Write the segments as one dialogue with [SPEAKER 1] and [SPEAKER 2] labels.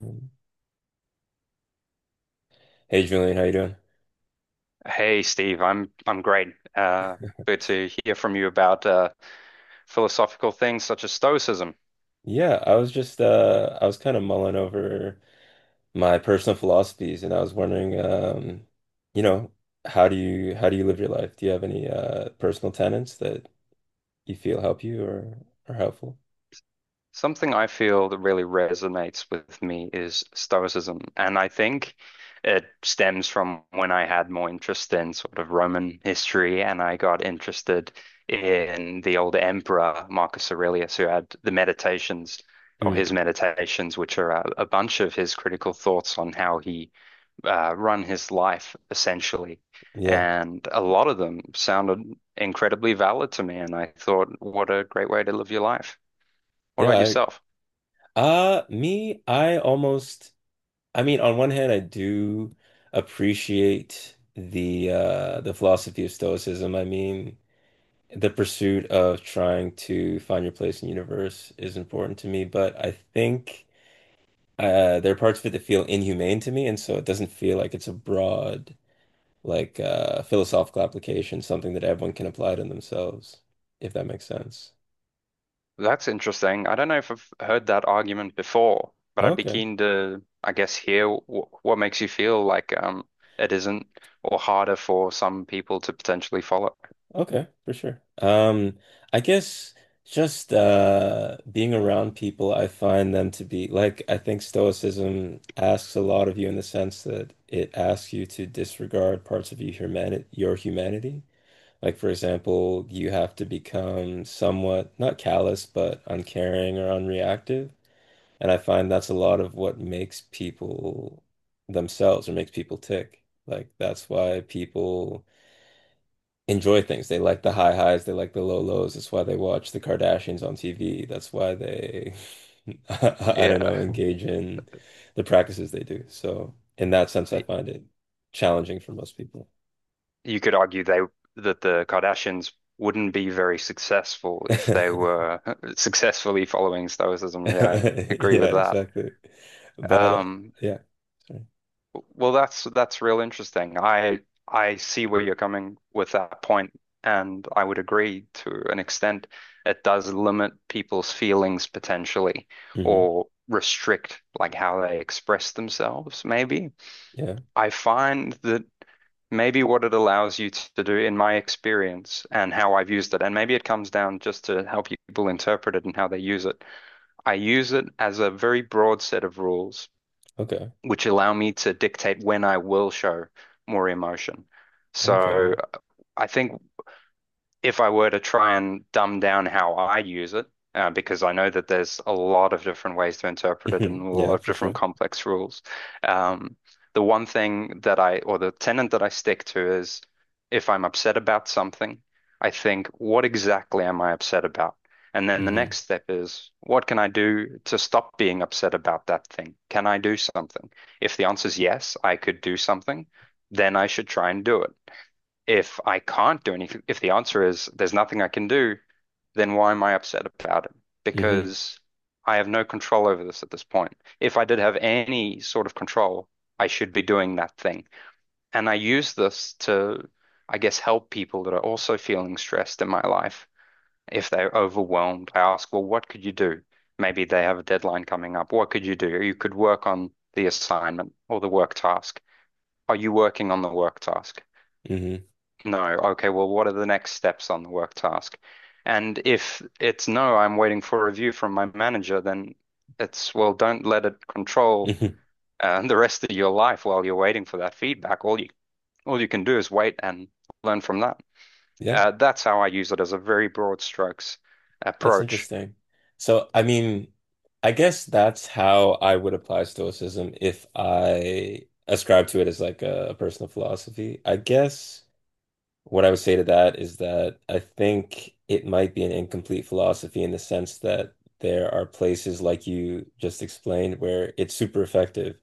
[SPEAKER 1] Um, Hey Julian, how you doing?
[SPEAKER 2] Hey Steve, I'm great. Uh, Good to hear from you about philosophical things such as Stoicism.
[SPEAKER 1] Yeah, I was just I was kind of mulling over my personal philosophies, and I was wondering, you know, how do you live your life? Do you have any personal tenets that you feel help you or are helpful?
[SPEAKER 2] Something I feel that really resonates with me is Stoicism, and I think it stems from when I had more interest in sort of Roman history, and I got interested in the old emperor Marcus Aurelius, who had the Meditations or
[SPEAKER 1] Hmm.
[SPEAKER 2] his Meditations, which are a bunch of his critical thoughts on how he run his life essentially.
[SPEAKER 1] Yeah.
[SPEAKER 2] And a lot of them sounded incredibly valid to me. And I thought, what a great way to live your life. What
[SPEAKER 1] Yeah,
[SPEAKER 2] about yourself?
[SPEAKER 1] I me, I almost, I mean, on one hand I do appreciate the philosophy of Stoicism. I mean, the pursuit of trying to find your place in the universe is important to me, but I think there are parts of it that feel inhumane to me, and so it doesn't feel like it's a broad, like philosophical application, something that everyone can apply to themselves, if that makes sense.
[SPEAKER 2] That's interesting. I don't know if I've heard that argument before, but I'd be
[SPEAKER 1] Okay.
[SPEAKER 2] keen to, I guess, hear w what makes you feel like it isn't or harder for some people to potentially follow.
[SPEAKER 1] Okay, for sure. I guess just being around people, I find them to be like, I think Stoicism asks a lot of you in the sense that it asks you to disregard parts of your humanity, your humanity. Like for example, you have to become somewhat not callous, but uncaring or unreactive. And I find that's a lot of what makes people themselves or makes people tick. Like that's why people enjoy things. They like the high highs, they like the low lows. That's why they watch the Kardashians on TV. That's why they, I don't know,
[SPEAKER 2] Yeah,
[SPEAKER 1] engage in the practices they do. So, in that sense, I find it challenging for most people.
[SPEAKER 2] you could argue they that the Kardashians wouldn't be very successful if they were successfully following Stoicism. Yeah, I'd agree with
[SPEAKER 1] Yeah,
[SPEAKER 2] that.
[SPEAKER 1] exactly. But
[SPEAKER 2] Um,
[SPEAKER 1] yeah, sorry.
[SPEAKER 2] well, that's real interesting. I see where you're coming with that point, and I would agree to an extent. It does limit people's feelings potentially,
[SPEAKER 1] Hmm.
[SPEAKER 2] or restrict like how they express themselves, maybe.
[SPEAKER 1] Yeah.
[SPEAKER 2] I find that maybe what it allows you to do in my experience and how I've used it. And maybe it comes down just to how people interpret it and how they use it. I use it as a very broad set of rules,
[SPEAKER 1] Okay.
[SPEAKER 2] which allow me to dictate when I will show more emotion.
[SPEAKER 1] Okay.
[SPEAKER 2] So I think if I were to try and dumb down how I use it, because I know that there's a lot of different ways to interpret it
[SPEAKER 1] Hmm.
[SPEAKER 2] and a lot
[SPEAKER 1] Yeah,
[SPEAKER 2] of
[SPEAKER 1] for
[SPEAKER 2] different
[SPEAKER 1] sure.
[SPEAKER 2] complex rules. Um, the one thing that I, or the tenet that I stick to is if I'm upset about something, I think, what exactly am I upset about? And then the
[SPEAKER 1] Hmm.
[SPEAKER 2] next step is, what can I do to stop being upset about that thing? Can I do something? If the answer is yes, I could do something, then I should try and do it if I can't do anything, if the answer is there's nothing I can do, then why am I upset about it?
[SPEAKER 1] Hmm.
[SPEAKER 2] Because I have no control over this at this point. If I did have any sort of control, I should be doing that thing. And I use this to, I guess, help people that are also feeling stressed in my life. If they're overwhelmed, I ask, well, what could you do? Maybe they have a deadline coming up. What could you do? You could work on the assignment or the work task. Are you working on the work task?
[SPEAKER 1] Hmm.
[SPEAKER 2] No. Okay, well, what are the next steps on the work task? And if it's no, I'm waiting for a review from my manager, then it's, well, don't let it control
[SPEAKER 1] Hmm.
[SPEAKER 2] the rest of your life while you're waiting for that feedback. All you can do is wait and learn from that.
[SPEAKER 1] Yeah.
[SPEAKER 2] That's how I use it as a very broad strokes
[SPEAKER 1] That's
[SPEAKER 2] approach.
[SPEAKER 1] interesting. So, I mean, I guess that's how I would apply Stoicism if I ascribe to it as like a personal philosophy. I guess what I would say to that is that I think it might be an incomplete philosophy in the sense that there are places, like you just explained, where it's super effective,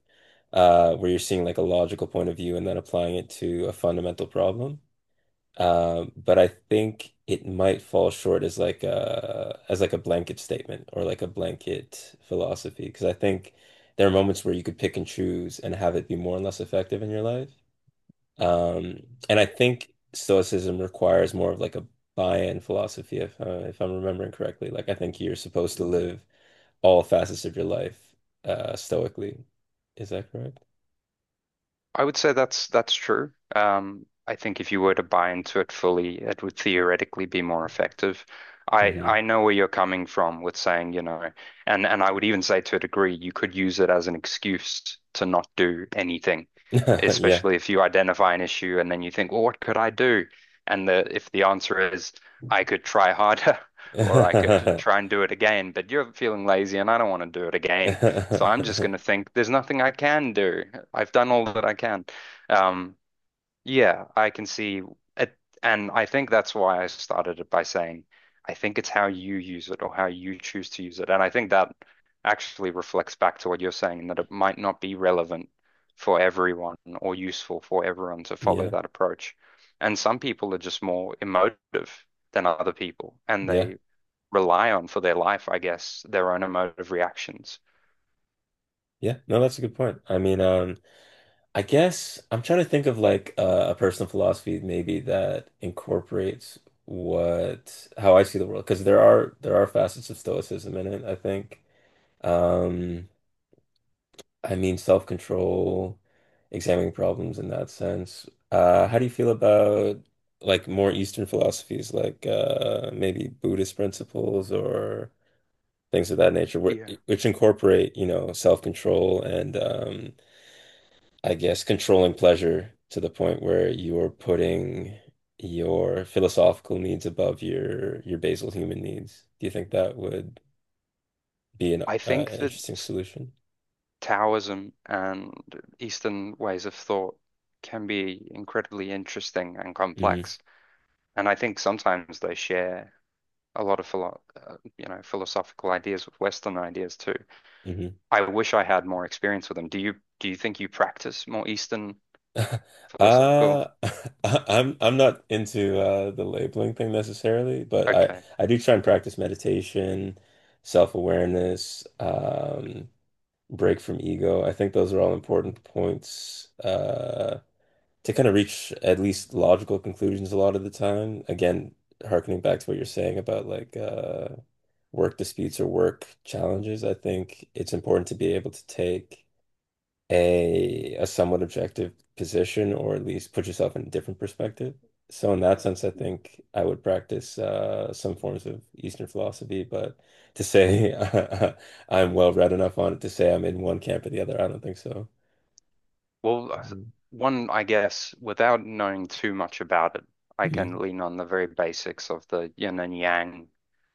[SPEAKER 1] where you're seeing like a logical point of view and then applying it to a fundamental problem. But I think it might fall short as like a blanket statement or like a blanket philosophy, because I think there are moments where you could pick and choose and have it be more and less effective in your life. Um, and I think Stoicism requires more of like a buy-in philosophy if I'm remembering correctly. Like I think you're supposed to live all facets of your life stoically. Is that correct?
[SPEAKER 2] I would say that's true. I think if you were to buy into it fully, it would theoretically be more effective. I
[SPEAKER 1] Hmm.
[SPEAKER 2] know where you're coming from with saying, you know, and I would even say to a degree, you could use it as an excuse to not do anything,
[SPEAKER 1] Yeah.
[SPEAKER 2] especially if you identify an issue and then you think, well, what could I do? And the if the answer is, I could try harder, or I could try and do it again, but you're feeling lazy and I don't want to do it again. So I'm just gonna think there's nothing I can do. I've done all that I can. Um, yeah, I can see it, and I think that's why I started it by saying, I think it's how you use it or how you choose to use it, and I think that actually reflects back to what you're saying, that it might not be relevant for everyone or useful for everyone to follow
[SPEAKER 1] Yeah.
[SPEAKER 2] that approach. And some people are just more emotive than other people, and
[SPEAKER 1] Yeah.
[SPEAKER 2] they rely on for their life, I guess, their own emotive reactions.
[SPEAKER 1] Yeah, no, that's a good point. I mean, I guess I'm trying to think of like a personal philosophy maybe that incorporates what how I see the world, because there are facets of stoicism in it, I think. Um, I mean, self-control, examining problems in that sense. How do you feel about like more Eastern philosophies like maybe Buddhist principles or things of that nature,
[SPEAKER 2] Yeah,
[SPEAKER 1] which incorporate, you know, self-control and I guess, controlling pleasure to the point where you're putting your philosophical needs above your basal human needs. Do you think that would be an
[SPEAKER 2] I think that
[SPEAKER 1] interesting solution?
[SPEAKER 2] Taoism and Eastern ways of thought can be incredibly interesting and
[SPEAKER 1] Hmm.
[SPEAKER 2] complex. And I think sometimes they share a lot of philo you know, philosophical ideas with Western ideas too.
[SPEAKER 1] Hmm.
[SPEAKER 2] I wish I had more experience with them. Do you think you practice more Eastern philosophical?
[SPEAKER 1] Uh, I'm not into the labeling thing necessarily, but I
[SPEAKER 2] Okay.
[SPEAKER 1] I do try and practice meditation, self-awareness, break from ego. I think those are all important points. To kind of reach at least logical conclusions a lot of the time. Again, harkening back to what you're saying about like work disputes or work challenges, I think it's important to be able to take a somewhat objective position, or at least put yourself in a different perspective. So in that sense, I think I would practice some forms of Eastern philosophy, but to say I'm well read enough on it to say I'm in one camp or the other, I don't think so.
[SPEAKER 2] Well,
[SPEAKER 1] Mhm.
[SPEAKER 2] one, I guess, without knowing too much about it, I can
[SPEAKER 1] Mhm.
[SPEAKER 2] lean on the very basics of the yin and yang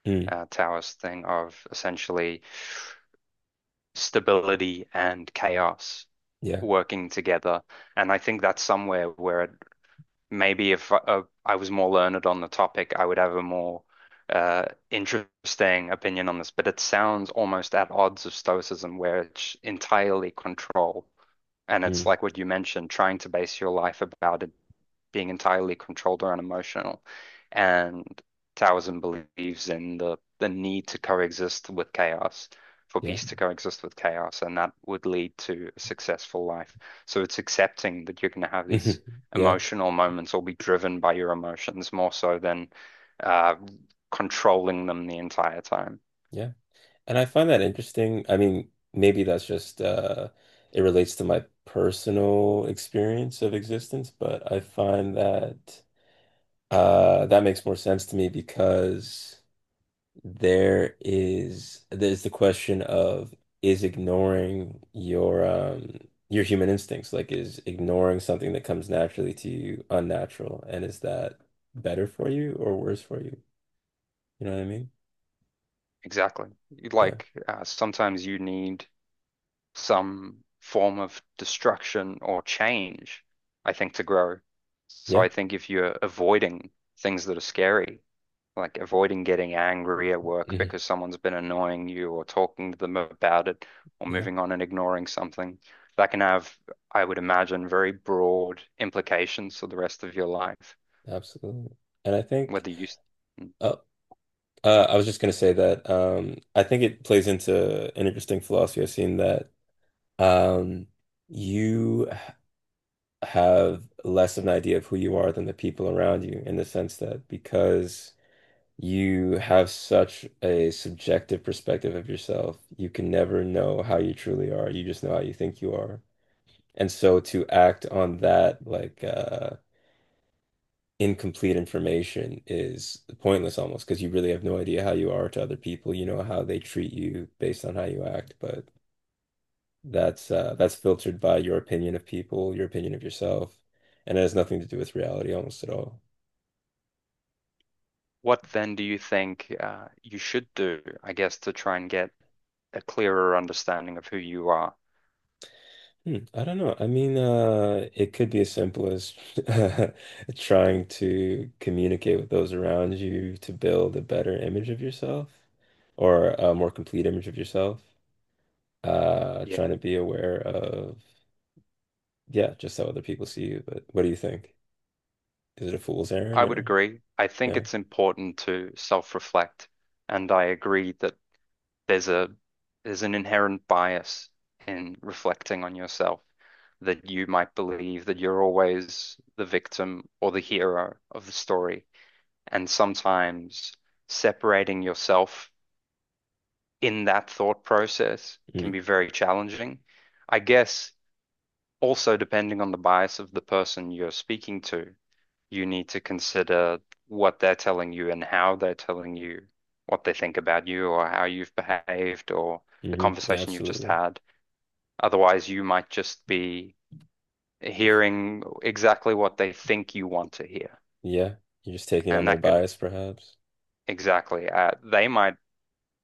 [SPEAKER 1] Mm.
[SPEAKER 2] Taoist thing of essentially stability and chaos
[SPEAKER 1] Yeah.
[SPEAKER 2] working together. And I think that's somewhere where it, maybe if I was more learned on the topic, I would have a more interesting opinion on this. But it sounds almost at odds of Stoicism, where it's entirely control. And it's
[SPEAKER 1] Mm.
[SPEAKER 2] like what you mentioned, trying to base your life about it being entirely controlled or unemotional. And Taoism believes in the need to coexist with chaos, for
[SPEAKER 1] Yeah.
[SPEAKER 2] peace to coexist with chaos, and that would lead to a successful life. So it's accepting that you're going to have these
[SPEAKER 1] Mhm. Yeah,
[SPEAKER 2] emotional moments or be driven by your emotions more so than uh, controlling them the entire time.
[SPEAKER 1] yeah. And I find that interesting. I mean, maybe that's just it relates to my personal experience of existence, but I find that that makes more sense to me because there is there's the question of is ignoring your human instincts, like is ignoring something that comes naturally to you unnatural, and is that better for you or worse for you? You know what I mean?
[SPEAKER 2] Exactly.
[SPEAKER 1] Yeah.
[SPEAKER 2] Like sometimes you need some form of destruction or change, I think, to grow. So I
[SPEAKER 1] Yeah.
[SPEAKER 2] think if you're avoiding things that are scary, like avoiding getting angry at work
[SPEAKER 1] Mhm.
[SPEAKER 2] because someone's been annoying you or talking to them about it or
[SPEAKER 1] Yeah.
[SPEAKER 2] moving on and ignoring something, that can have, I would imagine, very broad implications for the rest of your life.
[SPEAKER 1] Absolutely. And I think
[SPEAKER 2] Whether you,
[SPEAKER 1] uh, I was just going to say that I think it plays into an interesting philosophy I've seen that um, you h- have less of an idea of who you are than the people around you, in the sense that because you have such a subjective perspective of yourself, you can never know how you truly are. You just know how you think you are. And so to act on that, like, incomplete information is pointless almost, because you really have no idea how you are to other people. You know how they treat you based on how you act, but that's filtered by your opinion of people, your opinion of yourself, and it has nothing to do with reality almost at all.
[SPEAKER 2] what then do you think you should do, I guess, to try and get a clearer understanding of who you are?
[SPEAKER 1] Hmm, I don't know. I mean, it could be as simple as trying to communicate with those around you to build a better image of yourself or a more complete image of yourself.
[SPEAKER 2] Yeah,
[SPEAKER 1] Trying to be aware of— Yeah, just so other people see you. But what do you think? Is it a fool's errand
[SPEAKER 2] I would
[SPEAKER 1] or
[SPEAKER 2] agree. I think
[SPEAKER 1] yeah?
[SPEAKER 2] it's important to self-reflect, and I agree that there's a there's an inherent bias in reflecting on yourself that you might believe that you're always the victim or the hero of the story. And sometimes separating yourself in that thought process
[SPEAKER 1] Mm,
[SPEAKER 2] can be very challenging. I guess also, depending on the bias of the person you're speaking to, you need to consider what they're telling you and how they're telling you what they think about you or how you've behaved or the
[SPEAKER 1] hmm. Yeah,
[SPEAKER 2] conversation you've just
[SPEAKER 1] absolutely.
[SPEAKER 2] had. Otherwise, you might just be hearing exactly what they think you want to hear.
[SPEAKER 1] Yeah, you're just taking on
[SPEAKER 2] And
[SPEAKER 1] their
[SPEAKER 2] that could
[SPEAKER 1] bias, perhaps.
[SPEAKER 2] exactly, they might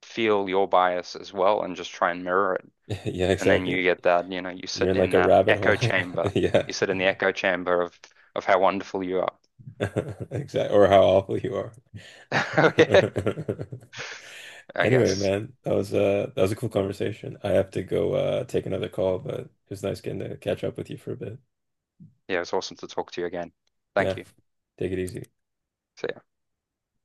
[SPEAKER 2] feel your bias as well and just try and mirror it.
[SPEAKER 1] Yeah,
[SPEAKER 2] And then you
[SPEAKER 1] exactly.
[SPEAKER 2] get that, you know, you
[SPEAKER 1] You're
[SPEAKER 2] sit
[SPEAKER 1] in
[SPEAKER 2] in
[SPEAKER 1] like a
[SPEAKER 2] that
[SPEAKER 1] rabbit
[SPEAKER 2] echo
[SPEAKER 1] hole.
[SPEAKER 2] chamber.
[SPEAKER 1] Yeah,
[SPEAKER 2] You sit in the echo chamber of how wonderful you are.
[SPEAKER 1] exactly. Or how awful you are.
[SPEAKER 2] I
[SPEAKER 1] Anyway,
[SPEAKER 2] guess.
[SPEAKER 1] man, that was a cool conversation. I have to go take another call, but it was nice getting to catch up with you for a bit.
[SPEAKER 2] Yeah, it's awesome to talk to you again. Thank
[SPEAKER 1] Yeah,
[SPEAKER 2] you.
[SPEAKER 1] take it easy.
[SPEAKER 2] See ya.